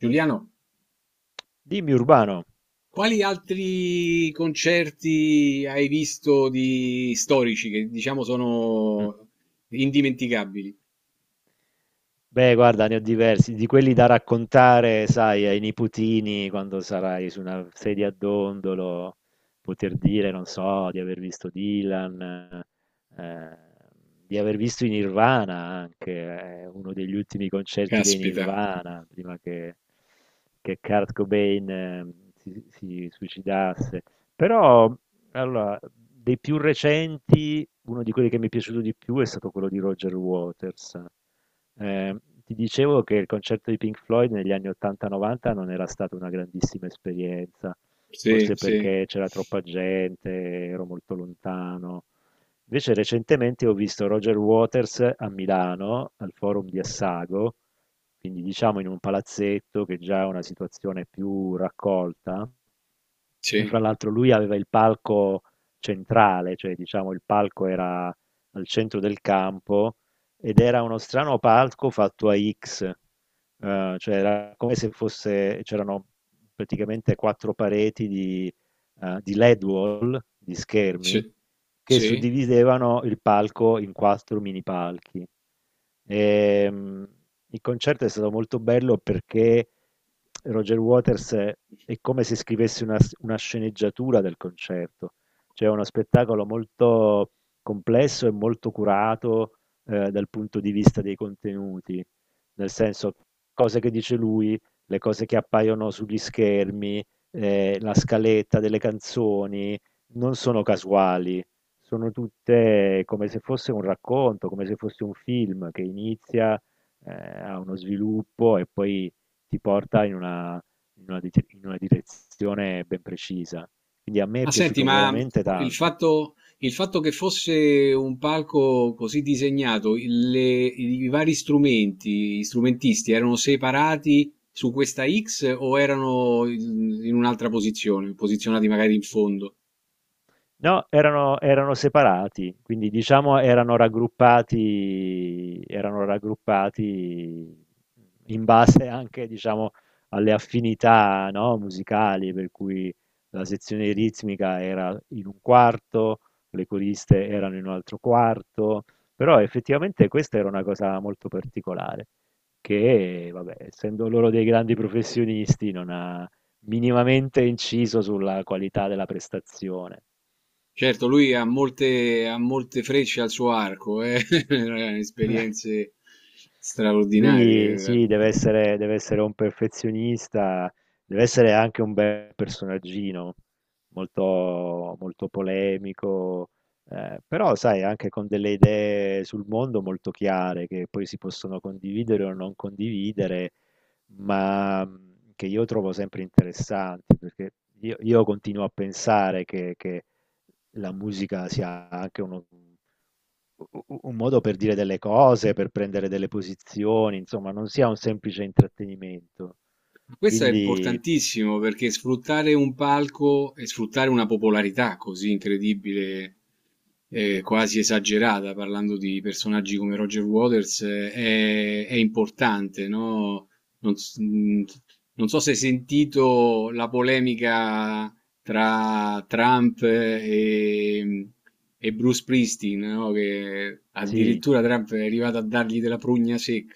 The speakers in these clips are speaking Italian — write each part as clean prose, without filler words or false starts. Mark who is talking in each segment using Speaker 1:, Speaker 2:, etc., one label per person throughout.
Speaker 1: Giuliano,
Speaker 2: Dimmi Urbano.
Speaker 1: quali altri concerti hai visto di storici che diciamo
Speaker 2: Mm.
Speaker 1: sono indimenticabili?
Speaker 2: Beh, guarda, ne ho diversi, di quelli da raccontare, sai, ai nipotini quando sarai su una sedia a dondolo, poter dire, non so, di aver visto Dylan, eh, di aver visto i Nirvana anche, uno degli ultimi concerti dei
Speaker 1: Caspita,
Speaker 2: Nirvana, prima che Kurt Cobain, si suicidasse. Però, allora, dei più recenti, uno di quelli che mi è piaciuto di più è stato quello di Roger Waters. Ti dicevo che il concerto di Pink Floyd negli anni 80-90 non era stata una grandissima esperienza,
Speaker 1: sì,
Speaker 2: forse
Speaker 1: sì,
Speaker 2: perché c'era troppa gente, ero molto lontano. Invece recentemente ho visto Roger Waters a Milano, al Forum di Assago, quindi diciamo in un palazzetto che già è una situazione più raccolta, e fra
Speaker 1: sì,
Speaker 2: l'altro lui aveva il palco centrale, cioè diciamo il palco era al centro del campo ed era uno strano palco fatto a X, cioè era come se fosse, c'erano praticamente quattro pareti di LED wall, di schermi,
Speaker 1: sì,
Speaker 2: che
Speaker 1: sì.
Speaker 2: suddividevano il palco in 4 mini palchi. Ehm, il concerto è stato molto bello perché Roger Waters è come se scrivesse una sceneggiatura del concerto, cioè è uno spettacolo molto complesso e molto curato, dal punto di vista dei contenuti, nel senso cose che dice lui, le cose che appaiono sugli schermi, la scaletta delle canzoni non sono casuali, sono tutte come se fosse un racconto, come se fosse un film che inizia, ehm, ha uno sviluppo e poi ti porta in una dite in una direzione ben precisa. Quindi a me è
Speaker 1: Ma senti,
Speaker 2: piaciuto
Speaker 1: ma
Speaker 2: veramente tanto.
Speaker 1: il fatto che fosse un palco così disegnato, i vari strumenti, gli strumentisti erano separati su questa X o erano in un'altra posizione, posizionati magari in fondo?
Speaker 2: No, erano separati, quindi diciamo erano raggruppati in base anche, diciamo, alle affinità, no, musicali, per cui la sezione ritmica era in un quarto, le coriste erano in un altro quarto, però effettivamente questa era una cosa molto particolare, che, vabbè, essendo loro dei grandi professionisti, non ha minimamente inciso sulla qualità della prestazione.
Speaker 1: Certo, lui ha molte frecce al suo arco, eh? Esperienze
Speaker 2: Lui
Speaker 1: straordinarie.
Speaker 2: sì, deve essere un perfezionista, deve essere anche un bel personaggino, molto, molto polemico, però sai, anche con delle idee sul mondo molto chiare che poi si possono condividere o non condividere, ma che io trovo sempre interessanti, perché io continuo a pensare che la musica sia anche uno un modo per dire delle cose, per prendere delle posizioni, insomma, non sia un semplice intrattenimento.
Speaker 1: Questo è
Speaker 2: Quindi
Speaker 1: importantissimo perché sfruttare un palco e sfruttare una popolarità così incredibile, quasi esagerata, parlando di personaggi come Roger Waters, è importante, no? Non, s- mh, Non so se hai sentito la polemica tra Trump e Bruce Springsteen, no? Che
Speaker 2: sì.
Speaker 1: addirittura Trump è arrivato a dargli della prugna. Sì,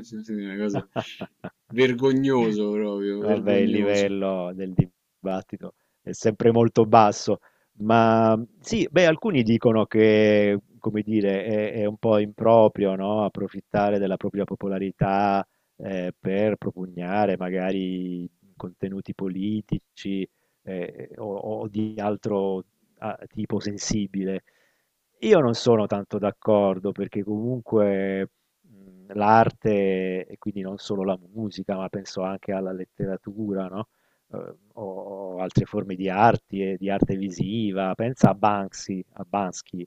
Speaker 1: sì, una cosa vergognoso proprio,
Speaker 2: Vabbè, il
Speaker 1: vergognoso.
Speaker 2: livello del dibattito è sempre molto basso, ma sì, beh, alcuni dicono che, come dire, è un po' improprio, no? Approfittare della propria popolarità, per propugnare magari contenuti politici, eh, o, o di altro, ah, tipo sensibile. Io non sono tanto d'accordo perché comunque mhmm, l'arte e quindi non solo la musica, ma penso anche alla letteratura, no, o altre forme di arti e di arte visiva. Pensa a Banksy,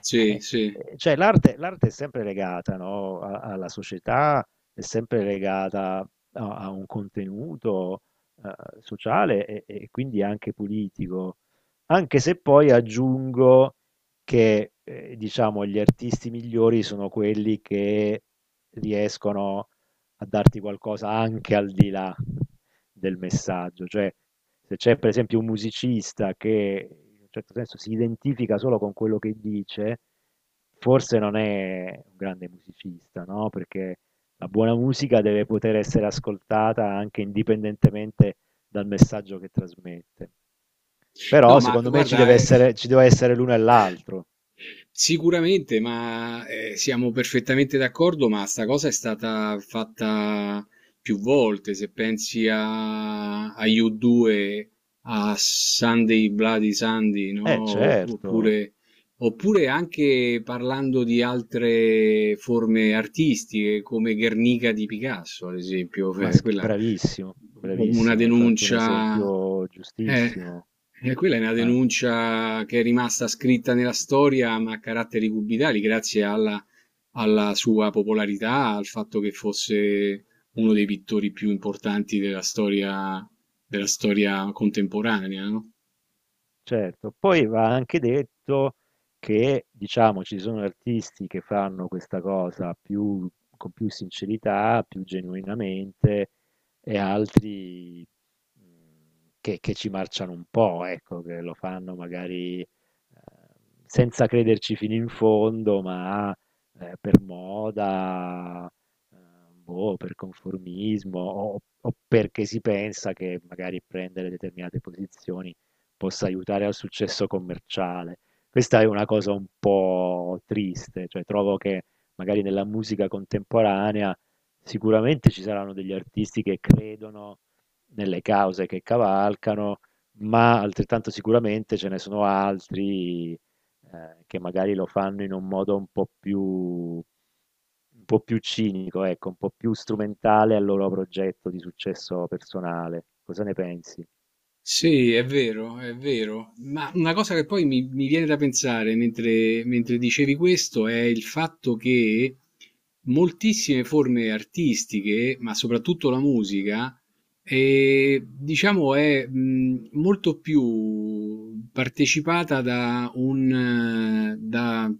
Speaker 1: Sì, sì.
Speaker 2: Cioè l'arte è sempre legata, no, alla società, è sempre legata a, a un contenuto, sociale e quindi anche politico, anche se poi aggiungo che, diciamo gli artisti migliori sono quelli che riescono a darti qualcosa anche al di là del messaggio, cioè se c'è per esempio un musicista che in un certo senso si identifica solo con quello che dice, forse non è un grande musicista, no? Perché la buona musica deve poter essere ascoltata anche indipendentemente dal messaggio che trasmette.
Speaker 1: No,
Speaker 2: Però
Speaker 1: ma
Speaker 2: secondo me
Speaker 1: guarda,
Speaker 2: ci deve essere l'uno e l'altro.
Speaker 1: sicuramente, ma siamo perfettamente d'accordo, ma sta cosa è stata fatta più volte. Se pensi a, a U2, a Sunday Bloody Sunday, no?
Speaker 2: Eh certo,
Speaker 1: Oppure, oppure anche parlando di altre forme artistiche, come Guernica di Picasso, ad esempio, quella
Speaker 2: bravissimo,
Speaker 1: una
Speaker 2: bravissimo, hai fatto un
Speaker 1: denuncia,
Speaker 2: esempio
Speaker 1: eh,
Speaker 2: giustissimo.
Speaker 1: e quella è una
Speaker 2: Eh.
Speaker 1: denuncia che è rimasta scritta nella storia, ma a caratteri cubitali, grazie alla, alla sua popolarità, al fatto che fosse uno dei pittori più importanti della storia contemporanea, no?
Speaker 2: Certo, poi va anche detto che, diciamo, ci sono artisti che fanno questa cosa più con più sincerità, più genuinamente, e altri mh, che ci marciano un po', ecco, che lo fanno magari, senza crederci fino in fondo, ma, per moda, eh, boh, per conformismo o perché si pensa che magari prendere determinate posizioni possa aiutare al successo commerciale. Questa è una cosa un po' triste, cioè trovo che magari nella musica contemporanea sicuramente ci saranno degli artisti che credono nelle cause che cavalcano, ma altrettanto sicuramente ce ne sono altri, che magari lo fanno in un modo un po' più cinico, ecco, un po' più strumentale al loro progetto di successo personale. Cosa ne pensi?
Speaker 1: Sì, è vero, è vero. Ma una cosa che poi mi viene da pensare mentre, mentre dicevi questo è il fatto che moltissime forme artistiche, ma soprattutto la musica, diciamo è molto più partecipata da un, da,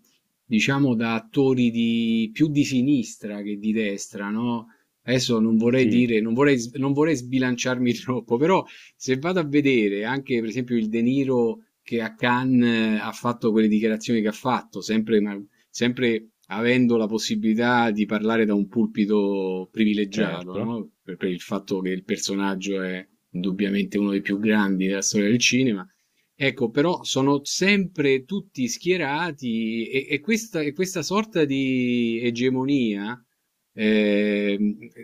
Speaker 1: diciamo, da attori di, più di sinistra che di destra, no? Adesso non vorrei
Speaker 2: Sì,
Speaker 1: dire, non vorrei, non vorrei sbilanciarmi troppo, però se vado a vedere anche per esempio il De Niro che a Cannes ha fatto quelle dichiarazioni che ha fatto, sempre, sempre avendo la possibilità di parlare da un pulpito privilegiato,
Speaker 2: certo.
Speaker 1: no? Per il fatto che il personaggio è indubbiamente uno dei più grandi della storia del cinema. Ecco, però sono sempre tutti schierati e questa sorta di egemonia, eh,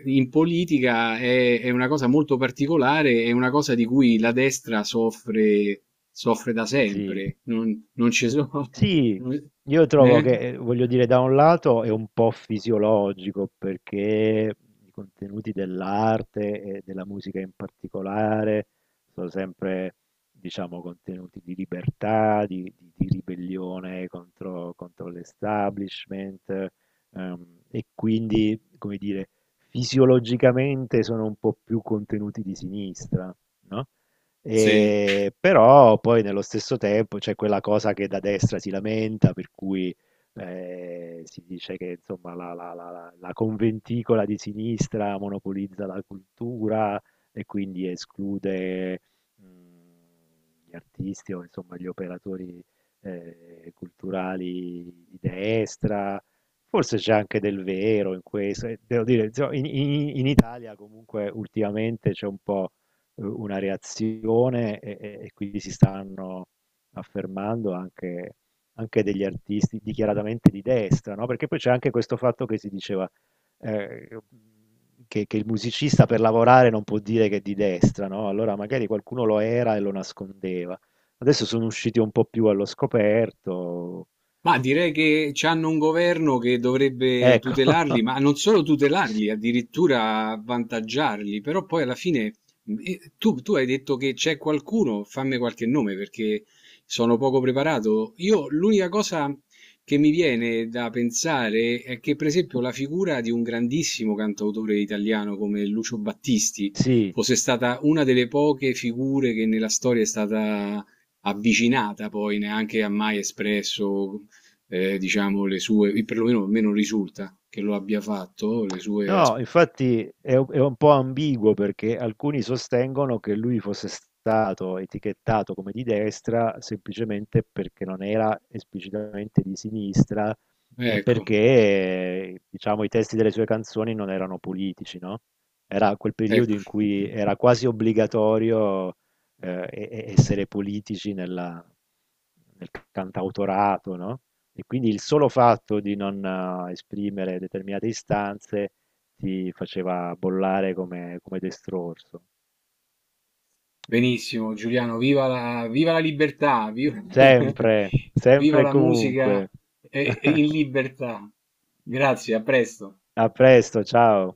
Speaker 1: in politica è una cosa molto particolare, è una cosa di cui la destra soffre, soffre da
Speaker 2: Sì.
Speaker 1: sempre. Non, non ci sono...
Speaker 2: Sì, io trovo
Speaker 1: Eh?
Speaker 2: che, voglio dire, da un lato è un po' fisiologico perché i contenuti dell'arte e della musica in particolare sono sempre, diciamo, contenuti di libertà, di, di ribellione contro, contro l'establishment, ehm, e quindi, come dire, fisiologicamente sono un po' più contenuti di sinistra, no?
Speaker 1: Sì.
Speaker 2: Però poi nello stesso tempo c'è quella cosa che da destra si lamenta, per cui, si dice che insomma, la, la conventicola di sinistra monopolizza la cultura e quindi esclude mh, gli artisti o insomma, gli operatori, culturali di destra. Forse c'è anche del vero in questo, e devo dire, insomma, in in Italia comunque ultimamente c'è un po' u una reazione e quindi si stanno affermando anche degli artisti dichiaratamente di destra, no, perché poi c'è anche questo fatto che si diceva, ehm, che il musicista per lavorare non può dire che è di destra, no, allora magari qualcuno lo era e lo nascondeva. Adesso sono usciti un po' più allo scoperto.
Speaker 1: Ma direi che c'hanno un governo che dovrebbe
Speaker 2: Ecco.
Speaker 1: tutelarli, ma non solo tutelarli, addirittura avvantaggiarli, però poi alla fine tu, tu hai detto che c'è qualcuno, fammi qualche nome perché sono poco preparato. Io l'unica cosa che mi viene da pensare è che per esempio la figura di un grandissimo cantautore italiano come Lucio Battisti
Speaker 2: Sì.
Speaker 1: fosse stata una delle poche figure che nella storia è stata avvicinata poi neanche ha mai espresso diciamo le sue i perlomeno a me non risulta che lo abbia fatto, le sue as
Speaker 2: No, infatti è un po' ambiguo perché alcuni sostengono che lui fosse stato etichettato come di destra semplicemente perché non era esplicitamente di sinistra e
Speaker 1: ecco,
Speaker 2: perché, diciamo, i testi delle sue canzoni non erano politici, no? Era quel periodo
Speaker 1: ecco.
Speaker 2: in cui era quasi obbligatorio, essere politici nel cantautorato, no? E quindi il solo fatto di non, esprimere determinate istanze ti faceva bollare come, come destrorso.
Speaker 1: Benissimo Giuliano, viva la libertà, viva,
Speaker 2: Sempre,
Speaker 1: viva
Speaker 2: sempre e
Speaker 1: la musica,
Speaker 2: comunque.
Speaker 1: in libertà. Grazie, a presto.
Speaker 2: A presto, ciao.